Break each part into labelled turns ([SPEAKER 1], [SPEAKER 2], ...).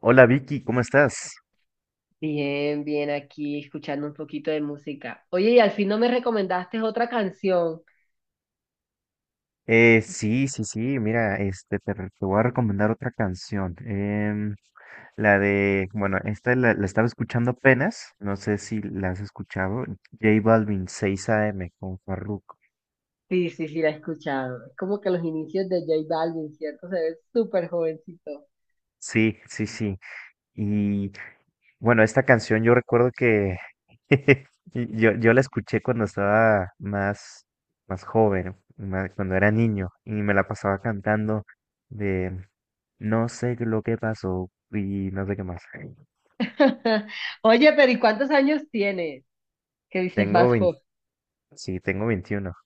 [SPEAKER 1] Hola Vicky, ¿cómo estás?
[SPEAKER 2] Bien, bien, aquí escuchando un poquito de música. Oye, y al fin no me recomendaste otra canción.
[SPEAKER 1] Sí, sí, sí, mira, este, te voy a recomendar otra canción. La de, bueno, esta la estaba escuchando apenas, no sé si la has escuchado, J Balvin 6 AM con Farruko.
[SPEAKER 2] Sí, sí, sí, la he escuchado. Es como que los inicios de J Balvin, ¿cierto? Se ve súper jovencito.
[SPEAKER 1] Sí, sí, sí. Y Bueno, esta canción yo recuerdo que yo la escuché cuando estaba más joven, cuando era niño, y me la pasaba cantando de no sé lo que pasó y no sé qué más.
[SPEAKER 2] Oye, pero ¿y cuántos años tienes? ¿Qué dices
[SPEAKER 1] Tengo
[SPEAKER 2] más
[SPEAKER 1] 20,
[SPEAKER 2] joven?
[SPEAKER 1] sí, tengo 21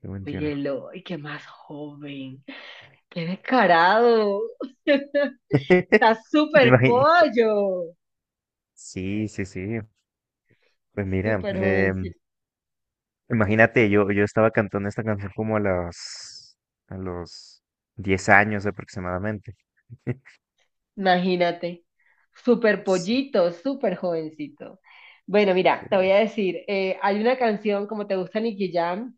[SPEAKER 1] tengo
[SPEAKER 2] Oye,
[SPEAKER 1] 21
[SPEAKER 2] Eloy, qué más joven. Qué descarado. Está súper
[SPEAKER 1] Imagín-
[SPEAKER 2] pollo.
[SPEAKER 1] sí, sí, sí. Pues mira,
[SPEAKER 2] Súper jovencito.
[SPEAKER 1] imagínate, yo estaba cantando esta canción como a a los 10 años aproximadamente.
[SPEAKER 2] Imagínate, súper pollito, súper jovencito. Bueno, mira, te
[SPEAKER 1] Eh,
[SPEAKER 2] voy a decir, hay una canción, como te gusta Nicky Jam,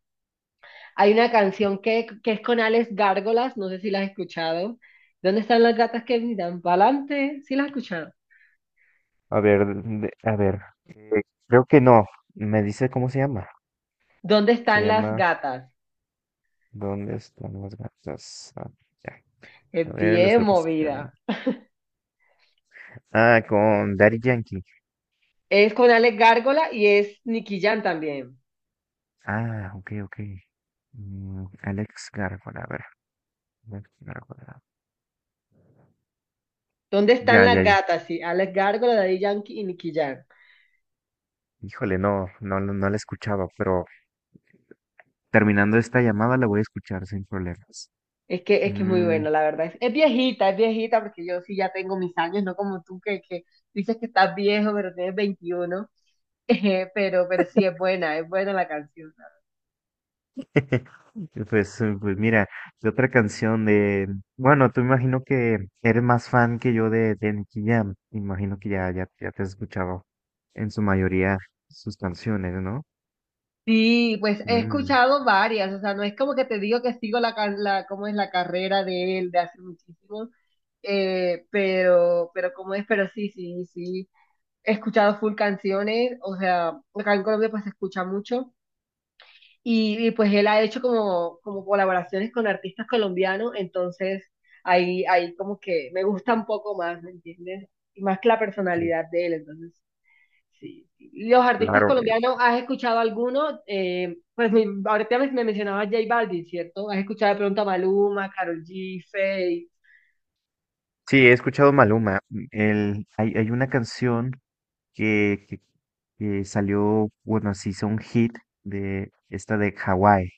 [SPEAKER 2] hay una canción que es con Alex Gárgolas, no sé si la has escuchado. ¿Dónde están las gatas que miran? ¿Pa'lante? ¿Sí la has escuchado?
[SPEAKER 1] A ver, a ver. Creo que no. Me dice cómo se llama.
[SPEAKER 2] ¿Dónde
[SPEAKER 1] Se
[SPEAKER 2] están las
[SPEAKER 1] llama
[SPEAKER 2] gatas?
[SPEAKER 1] ¿Dónde están las gatas? Ah, ya. A
[SPEAKER 2] Es
[SPEAKER 1] ver, lo
[SPEAKER 2] bien
[SPEAKER 1] estoy buscando.
[SPEAKER 2] movida.
[SPEAKER 1] Ah, con Daddy Yankee.
[SPEAKER 2] Es con Alex Gárgola y es Nicky Jam también.
[SPEAKER 1] Ah, ok, ok. Mm, Alex Gárgola, a ver. Alex Gárgola.
[SPEAKER 2] ¿Dónde están
[SPEAKER 1] Ya,
[SPEAKER 2] las
[SPEAKER 1] ya, ya.
[SPEAKER 2] gatas? Sí, Alex Gárgola, Daddy Yankee y Nicky Jam.
[SPEAKER 1] Híjole, no, no, no, no la escuchaba, pero terminando esta llamada la voy a escuchar sin problemas.
[SPEAKER 2] Es que es muy
[SPEAKER 1] Mm.
[SPEAKER 2] bueno, la verdad. Es viejita, porque yo sí ya tengo mis años, no como tú que dices que estás viejo, pero tienes 21. Pero sí es buena la canción.
[SPEAKER 1] Pues, pues mira, de otra canción de... bueno, tú imagino que eres más fan que yo de Nicky Jam. Imagino que ya, ya, ya te has escuchado en su mayoría sus canciones, ¿no?
[SPEAKER 2] Sí, pues he
[SPEAKER 1] Mm,
[SPEAKER 2] escuchado varias, o sea, no es como que te digo que sigo la cómo es la carrera de él de hace muchísimo, pero cómo es, pero sí, sí, sí. He escuchado full canciones, o sea, acá en Colombia pues se escucha mucho. Y, pues él ha hecho como, como colaboraciones con artistas colombianos, entonces ahí como que me gusta un poco más, ¿me entiendes? Y más que la
[SPEAKER 1] sí,
[SPEAKER 2] personalidad de él, entonces sí. Sí. ¿Y los artistas
[SPEAKER 1] claro.
[SPEAKER 2] colombianos, has escuchado alguno? Pues ahorita me mencionabas J Balvin, ¿cierto? ¿Has escuchado de pronto a Maluma, Karol G, Feid?
[SPEAKER 1] Sí, he escuchado Maluma. Mm, hay una canción que, que, que salió, bueno, se hizo un hit de esta de Hawái.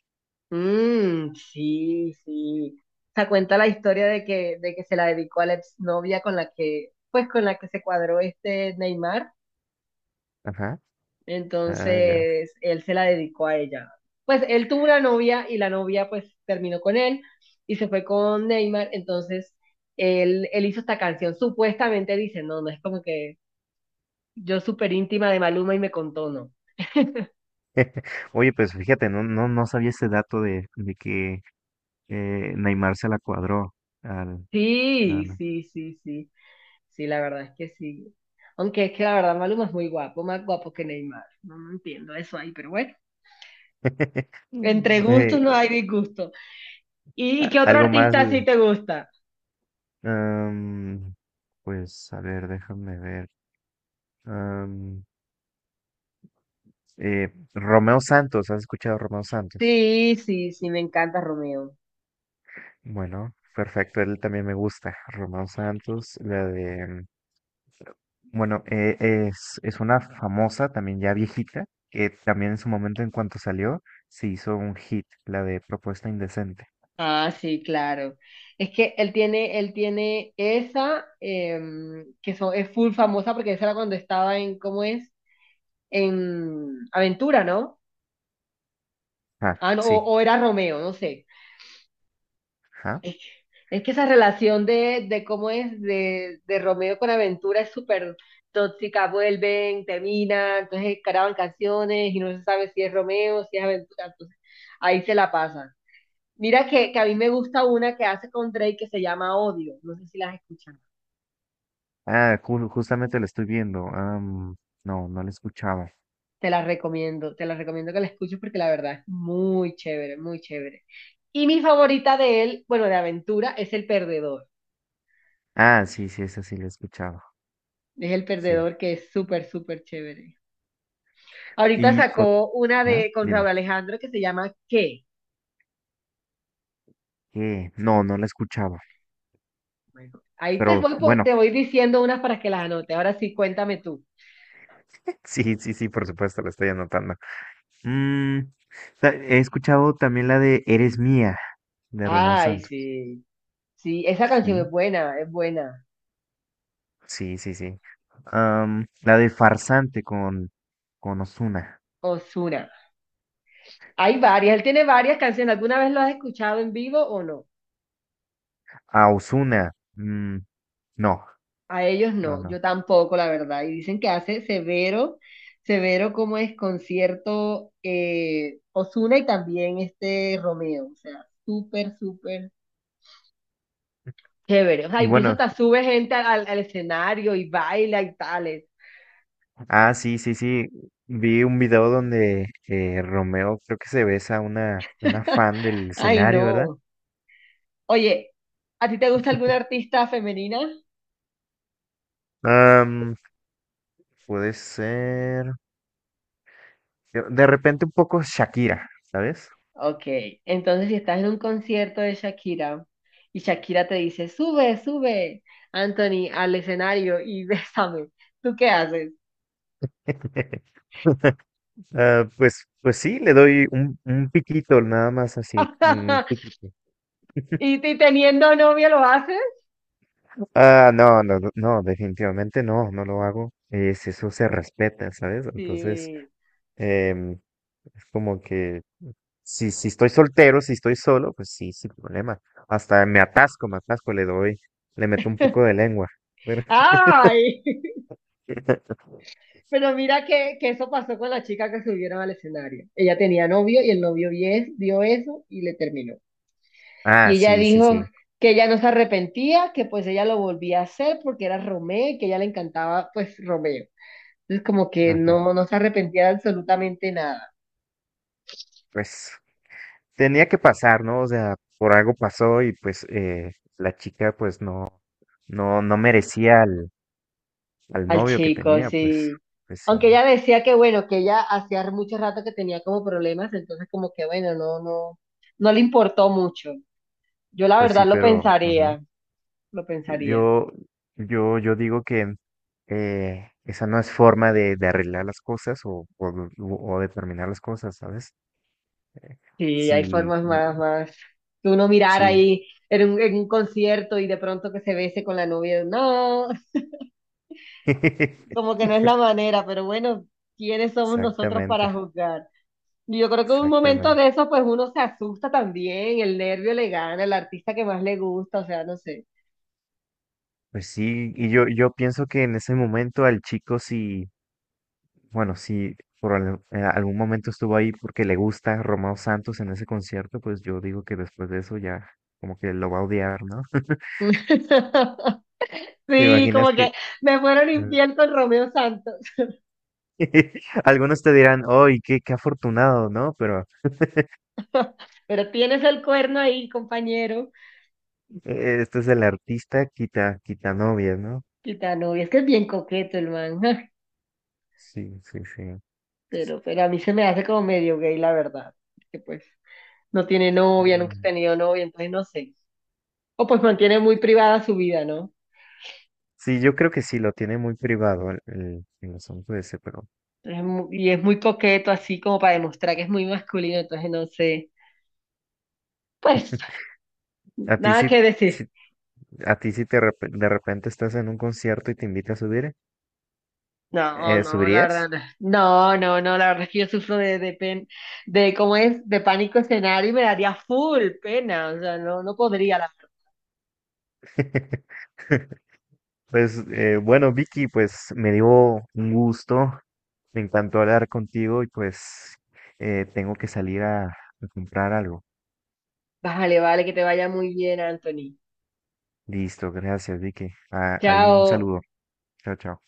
[SPEAKER 2] Mmm, sí, sí. O sea, cuenta la historia de que se la dedicó a la exnovia con la que, pues con la que se cuadró este Neymar.
[SPEAKER 1] Ajá. Ah, ya.
[SPEAKER 2] Entonces, él se la dedicó a ella. Pues él tuvo una novia y la novia pues terminó con él y se fue con Neymar. Entonces, él hizo esta canción. Supuestamente dice, no, no es como que yo súper íntima de Maluma y me contó, no.
[SPEAKER 1] Oye, pues fíjate, no, no, no sabía ese dato de que Neymar se la cuadró al no,
[SPEAKER 2] Sí,
[SPEAKER 1] no.
[SPEAKER 2] sí, sí, sí. Sí, la verdad es que sí. Aunque es que la verdad Maluma es muy guapo, más guapo que Neymar. No, no entiendo eso ahí, pero bueno. Entre
[SPEAKER 1] Mm.
[SPEAKER 2] gustos no hay disgusto. ¿Y qué otro
[SPEAKER 1] Algo más,
[SPEAKER 2] artista sí te gusta?
[SPEAKER 1] am, pues a ver, déjame ver. am, Romeo Santos, ¿has escuchado a Romeo Santos?
[SPEAKER 2] Sí, sí, sí, me encanta Romeo.
[SPEAKER 1] Bueno, perfecto, él también me gusta. Romeo Santos, la de, bueno, es una famosa, también ya viejita, que también en su momento, en cuanto salió, se hizo un hit, la de Propuesta Indecente.
[SPEAKER 2] Ah, sí, claro. Es que él tiene esa, es full famosa porque esa era cuando estaba en, ¿cómo es? En Aventura, ¿no?
[SPEAKER 1] Ah,
[SPEAKER 2] Ah, no,
[SPEAKER 1] sí.
[SPEAKER 2] o era Romeo, no sé.
[SPEAKER 1] Ajá.
[SPEAKER 2] Es que esa relación de cómo es, de Romeo con Aventura es súper tóxica, vuelven, terminan, entonces graban canciones y no se sabe si es Romeo, si es Aventura, entonces ahí se la pasan. Mira que a mí me gusta una que hace con Drake que se llama Odio, no sé si las escuchado.
[SPEAKER 1] Ah, justamente la estoy viendo. No, no la escuchaba.
[SPEAKER 2] Te la recomiendo que la escuches porque la verdad es muy chévere, muy chévere. Y mi favorita de él, bueno, de aventura, es El Perdedor.
[SPEAKER 1] Ah, sí, sí, esa sí la escuchaba.
[SPEAKER 2] Es El
[SPEAKER 1] Sí.
[SPEAKER 2] Perdedor que es súper, súper chévere. Ahorita
[SPEAKER 1] Y, ot-
[SPEAKER 2] sacó una
[SPEAKER 1] ¿Ah?
[SPEAKER 2] de con
[SPEAKER 1] Dime.
[SPEAKER 2] Raúl Alejandro que se llama ¿Qué?
[SPEAKER 1] ¿Qué? No, no la escuchaba.
[SPEAKER 2] Bueno, ahí te
[SPEAKER 1] Pero
[SPEAKER 2] voy,
[SPEAKER 1] bueno,
[SPEAKER 2] te voy diciendo unas para que las anotes. Ahora sí, cuéntame tú.
[SPEAKER 1] sí, sí, sí, por supuesto, la estoy anotando. Mm, he escuchado también la de Eres Mía, de Romeo
[SPEAKER 2] Ay,
[SPEAKER 1] Santos.
[SPEAKER 2] sí. Sí, esa canción
[SPEAKER 1] Sí,
[SPEAKER 2] es buena, es buena.
[SPEAKER 1] sí, sí, sí. La de Farsante con Ozuna.
[SPEAKER 2] Ozuna. Hay varias, él tiene varias canciones. ¿Alguna vez lo has escuchado en vivo o no?
[SPEAKER 1] A Ozuna. Mm, no,
[SPEAKER 2] A ellos
[SPEAKER 1] no,
[SPEAKER 2] no,
[SPEAKER 1] no.
[SPEAKER 2] yo tampoco, la verdad. Y dicen que hace severo, severo como es concierto, Ozuna y también este Romeo. O sea, súper, súper chévere. O sea,
[SPEAKER 1] Y
[SPEAKER 2] incluso
[SPEAKER 1] bueno.
[SPEAKER 2] hasta sube gente al escenario y baila y tales.
[SPEAKER 1] Ah, sí, sí, sí. Vi un video donde Romeo creo que se besa a una fan del
[SPEAKER 2] Ay,
[SPEAKER 1] escenario, ¿verdad?
[SPEAKER 2] no. Oye, ¿a ti te gusta alguna artista femenina?
[SPEAKER 1] Am, puede ser. De repente un poco Shakira, ¿sabes?
[SPEAKER 2] Ok, entonces si estás en un concierto de Shakira y Shakira te dice, sube, sube, Anthony, al escenario y bésame, ¿tú qué haces?
[SPEAKER 1] Ah, pues, pues sí, le doy un piquito, nada más así, un piquito.
[SPEAKER 2] ¿Y teniendo novio lo haces?
[SPEAKER 1] Ah, no, no, no, no, definitivamente no, no lo hago. Es, eso se respeta, ¿sabes? Entonces.
[SPEAKER 2] Sí.
[SPEAKER 1] Em, es como que si estoy soltero, si estoy solo, pues sí, sin problema. Hasta me atasco, le doy, le meto un poco de lengua. Pero-
[SPEAKER 2] Ay, pero mira que eso pasó con la chica que subieron al escenario. Ella tenía novio y el novio vio eso y le terminó.
[SPEAKER 1] Ah,
[SPEAKER 2] Y ella
[SPEAKER 1] sí, sí, sí.
[SPEAKER 2] dijo que ella no se arrepentía, que pues ella lo volvía a hacer porque era Romeo y que a ella le encantaba pues Romeo. Entonces como que
[SPEAKER 1] Ajá.
[SPEAKER 2] no, no se arrepentía de absolutamente nada.
[SPEAKER 1] Pues tenía que pasar, ¿no? O sea, por algo pasó y pues la chica pues no, no, no merecía al
[SPEAKER 2] Al
[SPEAKER 1] novio que
[SPEAKER 2] chico,
[SPEAKER 1] tenía, pues,
[SPEAKER 2] sí.
[SPEAKER 1] pues
[SPEAKER 2] Aunque
[SPEAKER 1] sí,
[SPEAKER 2] ella decía que bueno, que ella hacía mucho rato que tenía como problemas, entonces como que bueno, no, no, no le importó mucho. Yo la
[SPEAKER 1] pues sí,
[SPEAKER 2] verdad lo
[SPEAKER 1] pero, ajá.
[SPEAKER 2] pensaría, lo pensaría.
[SPEAKER 1] Yo, yo digo que esa no es forma de arreglar las cosas o de terminar las cosas, ¿sabes? Eh,
[SPEAKER 2] Sí, hay
[SPEAKER 1] sí,
[SPEAKER 2] formas más,
[SPEAKER 1] eh,
[SPEAKER 2] más. Que uno mirar
[SPEAKER 1] sí.
[SPEAKER 2] ahí en un concierto y de pronto que se bese con la novia. No, como que no es la manera, pero bueno, ¿quiénes somos nosotros para
[SPEAKER 1] Exactamente,
[SPEAKER 2] juzgar? Yo creo que en un momento
[SPEAKER 1] exactamente.
[SPEAKER 2] de eso, pues uno se asusta también, el nervio le gana, el artista que más le gusta, o sea, no sé.
[SPEAKER 1] Pues sí, y yo pienso que en ese momento al chico sí, bueno, si por al- en algún momento estuvo ahí porque le gusta Romeo Santos en ese concierto, pues yo digo que después de eso ya como que lo va a odiar, ¿no? ¿Te
[SPEAKER 2] Sí,
[SPEAKER 1] imaginas
[SPEAKER 2] como
[SPEAKER 1] que...
[SPEAKER 2] que me fueron infiel con Romeo Santos.
[SPEAKER 1] Algunos te dirán, ¡ay, qué, qué afortunado, ¿no? Pero
[SPEAKER 2] Pero tienes el cuerno ahí, compañero.
[SPEAKER 1] este es el artista quita, quita novias, ¿no?
[SPEAKER 2] Gitano, y es que es bien coqueto el man.
[SPEAKER 1] Sí, sí, sí.
[SPEAKER 2] Pero a mí se me hace como medio gay, la verdad. Que pues no tiene novia, nunca ha
[SPEAKER 1] Mm.
[SPEAKER 2] tenido novia, entonces no sé. O pues mantiene muy privada su vida, ¿no?
[SPEAKER 1] Sí, yo creo que sí, lo tiene muy privado el asunto ese, pero
[SPEAKER 2] Entonces, y es muy coqueto así como para demostrar que es muy masculino, entonces no sé. Pues
[SPEAKER 1] a ti
[SPEAKER 2] nada
[SPEAKER 1] sí,
[SPEAKER 2] que decir.
[SPEAKER 1] sí- a ti sí de repente estás en un concierto y te invita a subir,
[SPEAKER 2] No, no, la
[SPEAKER 1] ¿subirías?
[SPEAKER 2] verdad, no, no, no, no, la verdad es que yo sufro de pen, de cómo es, de pánico escenario y me daría full pena, o sea, no, no podría, la verdad.
[SPEAKER 1] Pues bueno, Vicky, pues me dio un gusto, me encantó hablar contigo y pues tengo que salir a comprar algo.
[SPEAKER 2] Vale, vale, que te vaya muy bien, Anthony.
[SPEAKER 1] Listo, gracias, Vicky. Ah, hay un
[SPEAKER 2] Chao.
[SPEAKER 1] saludo. Chao, chao.